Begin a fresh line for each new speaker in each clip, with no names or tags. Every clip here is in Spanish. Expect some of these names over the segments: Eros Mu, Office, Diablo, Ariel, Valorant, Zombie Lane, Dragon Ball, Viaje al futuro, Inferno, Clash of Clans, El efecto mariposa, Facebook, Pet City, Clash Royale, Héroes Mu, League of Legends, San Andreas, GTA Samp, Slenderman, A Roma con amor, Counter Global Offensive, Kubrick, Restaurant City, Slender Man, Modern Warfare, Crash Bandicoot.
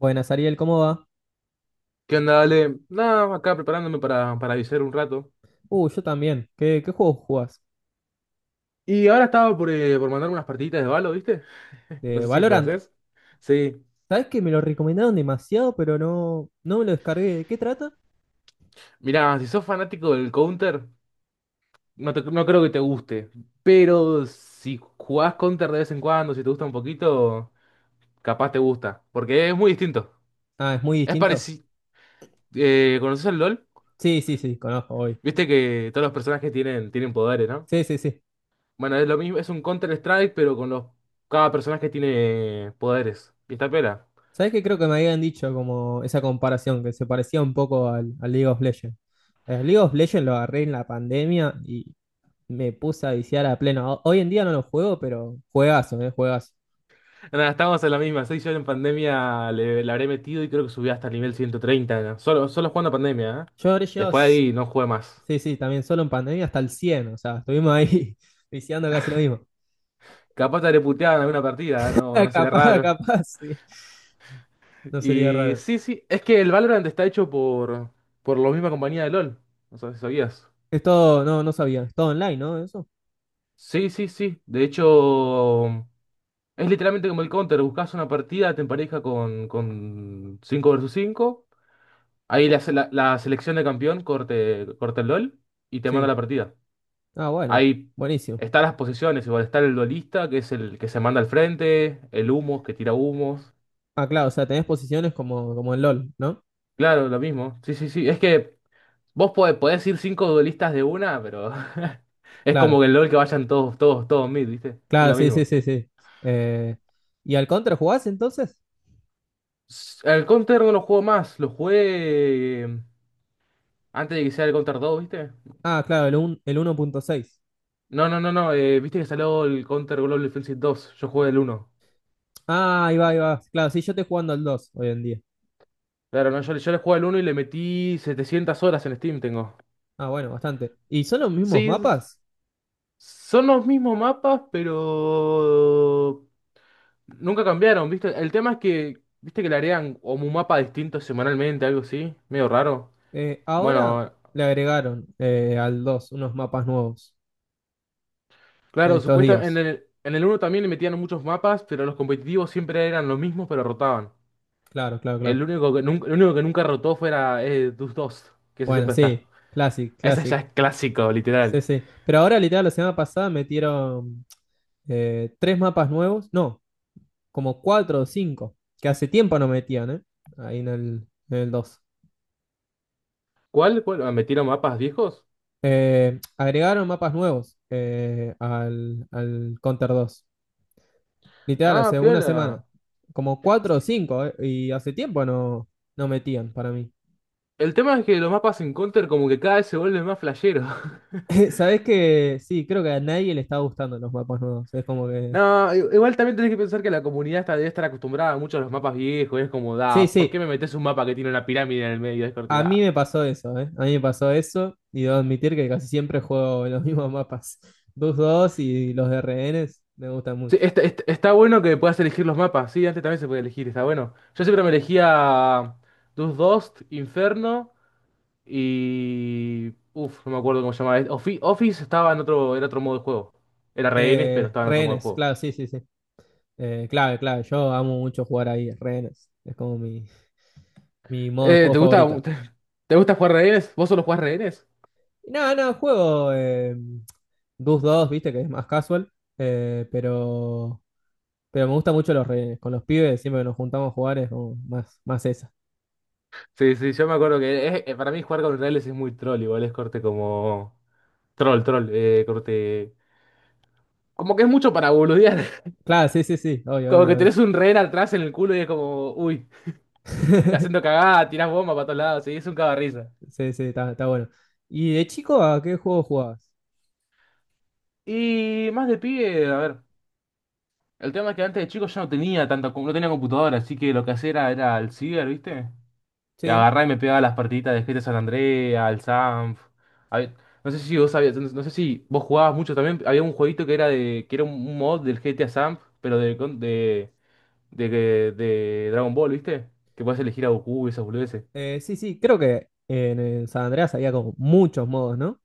Buenas, Ariel, ¿cómo va?
¿Qué onda, Ale? Nada, acá preparándome para avisar un rato.
Yo también. ¿Qué juego jugás?
Y ahora estaba por mandar unas partiditas de Valo, ¿viste? No
De
sé si
Valorant.
conoces. Sí.
¿Sabés que me lo recomendaron demasiado, pero no me lo descargué? ¿De qué trata?
Mirá, si sos fanático del Counter, no, no creo que te guste. Pero si jugás Counter de vez en cuando, si te gusta un poquito, capaz te gusta. Porque es muy distinto.
Ah, es muy
Es
distinto.
parecido. ¿Conoces el LOL?
Sí, sí, sí, conozco hoy.
Viste que todos los personajes tienen poderes, ¿no?
Sí, sí, sí.
Bueno, es lo mismo, es un Counter Strike, pero con los. Cada personaje tiene poderes. ¿Y esta pela?
¿Sabés que creo que me habían dicho como esa comparación, que se parecía un poco al League of Legends? El League of Legends lo agarré en la pandemia y me puse a viciar a pleno. Hoy en día no lo juego, pero juegazo, juegazo.
Nada, estamos en la misma. Seis yo en pandemia le habré metido y creo que subí hasta el nivel 130. ¿No? Solo, solo jugando pandemia, ¿eh?
Yo habré llegado.
Después de ahí no jugué más.
Sí, sí, también solo en pandemia hasta el 100, o sea, estuvimos ahí viciando casi lo mismo.
Capaz te habré puteado en alguna partida, ¿eh? No, no será
Capaz,
raro.
capaz, sí. No sería
Y
raro.
sí, sí, es que el Valorant está hecho por la misma compañía de LOL. No sé si sabías.
Es todo, no sabía. Es todo online, ¿no? Eso.
Sí, sí, sí. De hecho, es literalmente como el Counter. Buscas una partida, te empareja con 5 versus cinco. Ahí la, se- la selección de campeón corte, corta el LOL y te manda la
Sí.
partida.
Ah, bueno.
Ahí
Buenísimo.
están las posiciones, igual está el duelista, que es el que se manda al frente, el humo, que tira humos.
Ah, claro, o sea, tenés posiciones como, como en LOL, ¿no?
Claro, lo mismo. Sí, sí, sí. Es que vos podés ir cinco duelistas de una, pero es como
Claro.
que el LOL que vayan todos, todos, todos mid, ¿viste? Es
Claro,
lo
sí, sí,
mismo.
sí, sí. Eh, ¿Y al Contra jugás entonces?
El Counter no lo juego más, lo jugué antes de que sea el Counter dos, ¿viste?
Ah, claro, el 1.6.
No, no, no, no, Viste que salió el Counter Global Offensive dos, yo jugué el uno.
Ah, ahí va, ahí va. Claro, sí, yo estoy jugando al 2 hoy en día.
Claro, no, yo le jugué al uno y le metí 700 horas en Steam, tengo.
Ah, bueno, bastante. ¿Y son los mismos
Sí,
mapas?
son los mismos mapas, pero nunca cambiaron, ¿viste? El tema es que, ¿viste que le harían como un mapa distinto semanalmente, algo así? Medio raro.
Ahora
Bueno,
le agregaron al 2 unos mapas nuevos en
claro,
estos
supuestamente
días.
en el uno también le metían muchos mapas, pero los competitivos siempre eran los mismos, pero rotaban.
Claro, claro,
El
claro.
único que nunca, el único que nunca rotó fuera Dust 2, que ese
Bueno,
siempre está.
sí, Classic,
Ese ya
Classic.
es clásico,
Sí,
literal.
sí. Pero ahora, literal, la semana pasada metieron tres mapas nuevos. No, como cuatro o cinco, que hace tiempo no metían, ¿eh? Ahí en el 2.
¿Cuál? ¿Cuál? Ah, ¿metieron mapas viejos?
Agregaron mapas nuevos al Counter dos. Literal,
Ah,
hace una semana.
piola.
Como cuatro o cinco, y hace tiempo no metían para mí.
El tema es que los mapas en Counter como que cada vez se vuelven más flasheros.
Sabes que sí, creo que a nadie le está gustando los mapas nuevos. Es como que.
No, igual también tenés que pensar que la comunidad está, debe estar acostumbrada mucho a los mapas viejos. Es como,
Sí,
da, ¿por qué
sí,
me metes un mapa que tiene una pirámide en el medio? Es corte,
a mí
da.
me pasó eso, ¿eh? A mí me pasó eso y debo admitir que casi siempre juego los mismos mapas. Dust dos y los de rehenes me gustan
Sí,
mucho.
está, está bueno que puedas elegir los mapas. Sí, antes también se podía elegir, está bueno. Yo siempre me elegía Dus Dost, Inferno y. Uf, no me acuerdo cómo se llamaba. Office estaba en otro, era otro modo de juego. Era rehenes, pero estaba en otro modo de
Rehenes,
juego.
claro, sí, sí, sí. Clave, clave. Yo amo mucho jugar ahí, rehenes. Es como mi modo de juego
¿Te gusta,
favorito.
te, gusta jugar rehenes? ¿Vos solo jugás rehenes?
Y nada, no, juego Dust 2, viste, que es más casual. eh, pero. Pero me gusta mucho los rehenes. Con los pibes, siempre que nos juntamos a jugar es como más, más esa.
Sí, sí, yo me acuerdo que para mí jugar con reales es muy troll, igual es corte como... Troll, troll, corte... Como que es mucho para boludear.
Claro, sí, sí, sí. Obvio,
Como
obvio,
que
obvio.
tenés un rehén atrás en el culo y es como, uy, haciendo cagada, tirás bomba para todos lados, sí, es un cagarrisa.
Sí, sí, está, está bueno. ¿Y de chico a qué juego jugabas?
Y más de pibe, a ver, el tema es que antes de chico yo no tenía tanta, no tenía computadora, así que lo que hacía era el ciber, ¿viste? Y
Sí.
agarraba y me pegaba las partiditas de GTA San Andreas, al Sanf. Hab- No sé si vos sabías, no no sé si vos jugabas mucho también. Había un jueguito que era de, que era un mod del GTA Sanf, pero de, con- de Dragon Ball, ¿viste? Que podías elegir a Goku y esas boludeces.
Sí, sí, creo que en el San Andreas había como muchos modos, ¿no?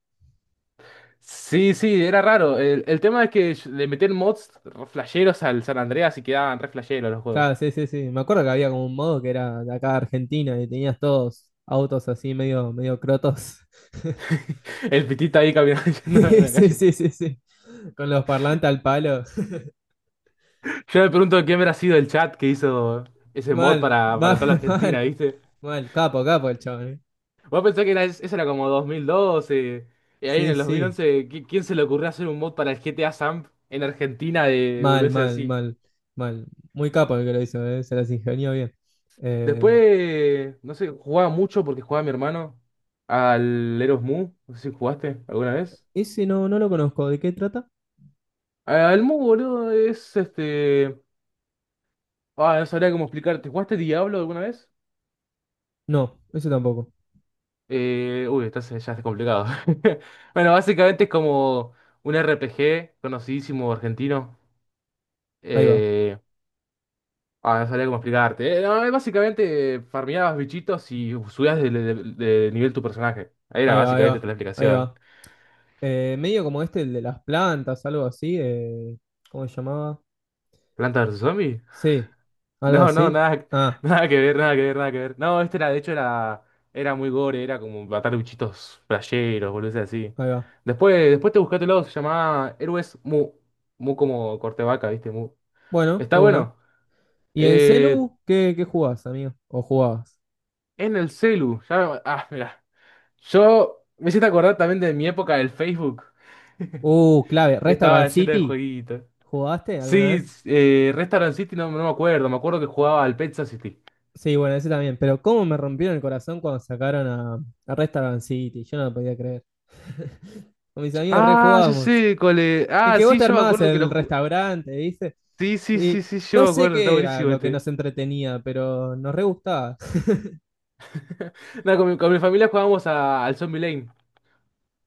Sí, sí, era raro. El tema es que le metían mods re flasheros al San Andreas y quedaban re flasheros los juegos.
Claro, sí, sí, sí. Me acuerdo que había como un modo que era de acá de Argentina y tenías todos autos así medio, medio crotos.
El pitita ahí caminando yendo en
Sí,
la
sí,
calle.
sí, sí, sí. Con los parlantes al palo.
Yo me pregunto quién habrá sido el chat que hizo ese mod
Mal,
para,
mal,
para toda la
mal,
Argentina, ¿viste?
mal. Capo, capo el chabón, ¿eh?
Vos pensás que era, eso era como 2012. Y ahí en
Sí,
el
sí.
2011, ¿quién se le ocurrió hacer un mod para el GTA Samp en Argentina de
Mal,
volverse
mal,
así?
mal, mal. Muy capo el que lo hizo, ¿eh? Se las ingenió bien. Eh,
Después, no sé, jugaba mucho porque jugaba mi hermano al Eros Mu. No sé si jugaste alguna vez.
Ese no, no lo conozco. ¿De qué trata?
Al Mu, boludo, es este. Ah, no sabría cómo explicarte. ¿Jugaste Diablo alguna vez?
No, ese tampoco.
Uy, estás, ya está complicado. Bueno, básicamente es como un RPG conocidísimo argentino.
Ahí va,
eh, Ah, no sabía cómo explicarte. No, básicamente farmeabas bichitos y subías de, de nivel tu personaje. Ahí era
ahí va, ahí
básicamente toda
va,
la
ahí
explicación.
va. Medio como este, el de las plantas, algo así. ¿Cómo se llamaba?
¿Planta vs zombie?
Sí, algo
No, no,
así.
nada,
Ah,
nada que ver, nada que ver, nada que ver. No, este era, de hecho, era muy gore, era como matar bichitos playeros, boludeces así.
ahí va.
Después, después te buscátelo, se llamaba Héroes Mu. Mu como corte vaca, ¿viste? Mu.
Bueno,
Está
de una.
bueno.
¿Y en
Eh,
celu qué jugás, amigo? ¿O jugabas?
en el celu. Ya, ah, mira. Yo me hiciste acordar también de mi época del Facebook. que
Clave.
estaba
¿Restaurant
lleno de
City?
jueguitos.
¿Jugaste alguna
Sí,
vez?
Restaurant City no, no me acuerdo, me acuerdo que jugaba al Pet City.
Sí, bueno, ese también. Pero cómo me rompieron el corazón cuando sacaron a Restaurant City. Yo no lo podía creer. Con mis amigos
Ah, ya
rejugábamos.
sé, cole.
El
Ah,
que vos
sí,
te
yo me
armabas
acuerdo que
el restaurante, ¿viste?
sí, sí, sí,
Y
sí, yo
no
me
sé
acuerdo, está
qué era
buenísimo
lo que
este.
nos entretenía, pero nos re gustaba.
No, con mi familia jugábamos al Zombie Lane.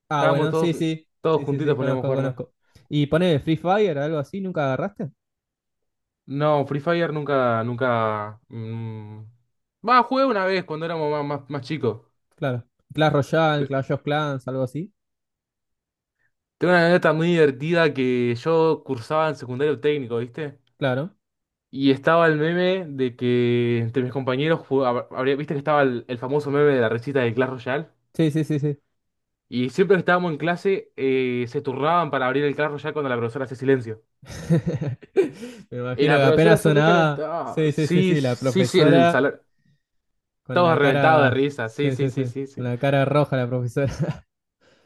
Ah,
Estábamos
bueno, sí,
todos,
sí.
todos
Sí, sí,
juntitos
sí,
poníamos a
conozco,
jugar, ¿no?
conozco. ¿Y pone Free Fire, algo así? ¿Nunca agarraste?
No, Free Fire nunca, nunca. Mm. Va, jugué una vez cuando éramos más, más, más chicos.
Claro. Clash Royale,
Pe-
Clash of Clans, algo así.
Tengo una anécdota muy divertida que yo cursaba en secundario técnico, ¿viste?
Claro.
Y estaba el meme de que entre mis compañeros, viste que estaba el famoso meme de la recita de Clash Royale.
Sí, sí, sí, sí.
Y siempre que estábamos en clase, se turnaban para abrir el Clash Royale cuando la profesora hace silencio.
Me
Y
imagino
la
que
profesora
apenas
se
sonaba.
recalentaba.
Sí, sí, sí,
Sí,
sí. La
sí, sí, el
profesora.
salón.
Con
Todos
la
reventados de
cara.
risa. Sí,
Sí,
sí,
sí,
sí,
sí.
sí,
Con
sí.
la cara roja la profesora.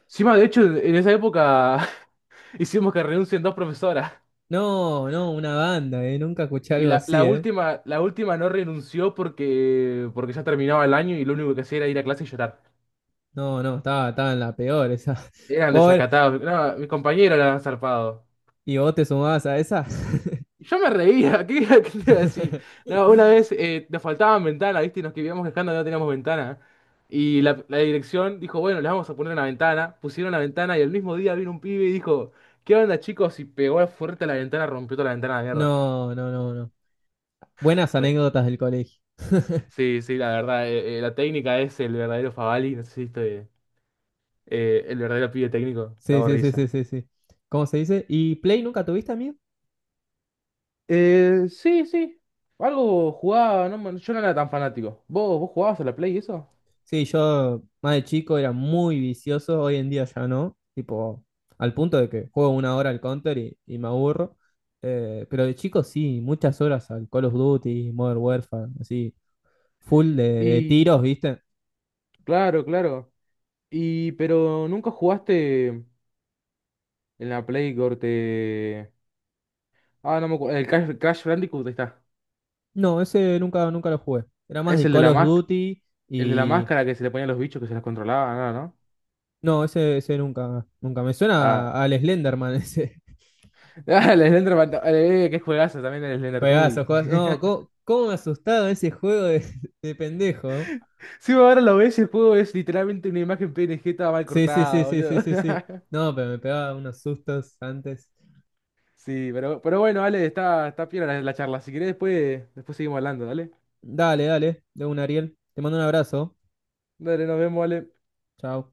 Encima, de hecho, en esa época hicimos que renuncien dos profesoras.
No, no, una banda, ¿eh? Nunca escuché
Y
algo
la,
así, ¿eh?
la última no renunció porque, porque ya terminaba el año y lo único que hacía era ir a clase y llorar.
No, no, estaba, estaba en la peor esa.
Eran
Pobre.
desacatados. No, mi compañero era zarpado.
¿Y vos te sumabas a esa?
Y yo me reía, ¿qué, qué te iba a decir? No, una vez nos faltaban ventanas, ¿viste? Y nos quedábamos quejando de que no teníamos ventana. Y la dirección dijo, bueno, les vamos a poner una ventana. Pusieron la ventana y el mismo día vino un pibe y dijo, ¿qué onda, chicos? Y pegó fuerte a la ventana, rompió toda la ventana a la mierda.
No, no, no, no. Buenas
Fue-
anécdotas del colegio.
Sí, sí, la verdad, la técnica es el verdadero Favali, no sé si estoy, el verdadero pibe técnico,
Sí,
cago en
sí, sí, sí,
risa.
sí, sí. ¿Cómo se dice? ¿Y Play nunca tuviste, amigo?
Sí, sí. Algo jugaba, no, yo no era tan fanático. ¿Vos, vos jugabas a la Play y eso?
Sí, yo más de chico era muy vicioso, hoy en día ya no, tipo, al punto de que juego una hora al Counter y me aburro. Pero de chico sí, muchas horas al Call of Duty, Modern Warfare, así, full de
Y
tiros, ¿viste?
claro, claro. Y pero nunca jugaste en la Play corte. Ah, no me acuerdo. El Crash, Crash Bandicoot ahí está.
No, ese nunca, nunca lo jugué, era más
Es
de
el de
Call
la
of
más,
Duty
el de la
y...
máscara que se le ponían los bichos que se los controlaba, ¿no? ¿No?
No, ese nunca, nunca, me suena
Ah,
al Slenderman ese,
qué juegazo también el Slender
juegazo,
Tui.
juegazo, no, ¿cómo, cómo me asustaba ese juego de pendejo?
Sí, ahora lo ves, el juego es literalmente una imagen PNG toda mal
Sí, sí, sí,
cortada,
sí,
boludo.
sí, sí, sí. No, pero me pegaba unos sustos antes.
Sí, pero bueno, Ale, está, está piola la charla. Si querés, después seguimos hablando, dale.
Dale, dale, de un Ariel. Te mando un abrazo.
Dale, nos vemos, Ale.
Chao.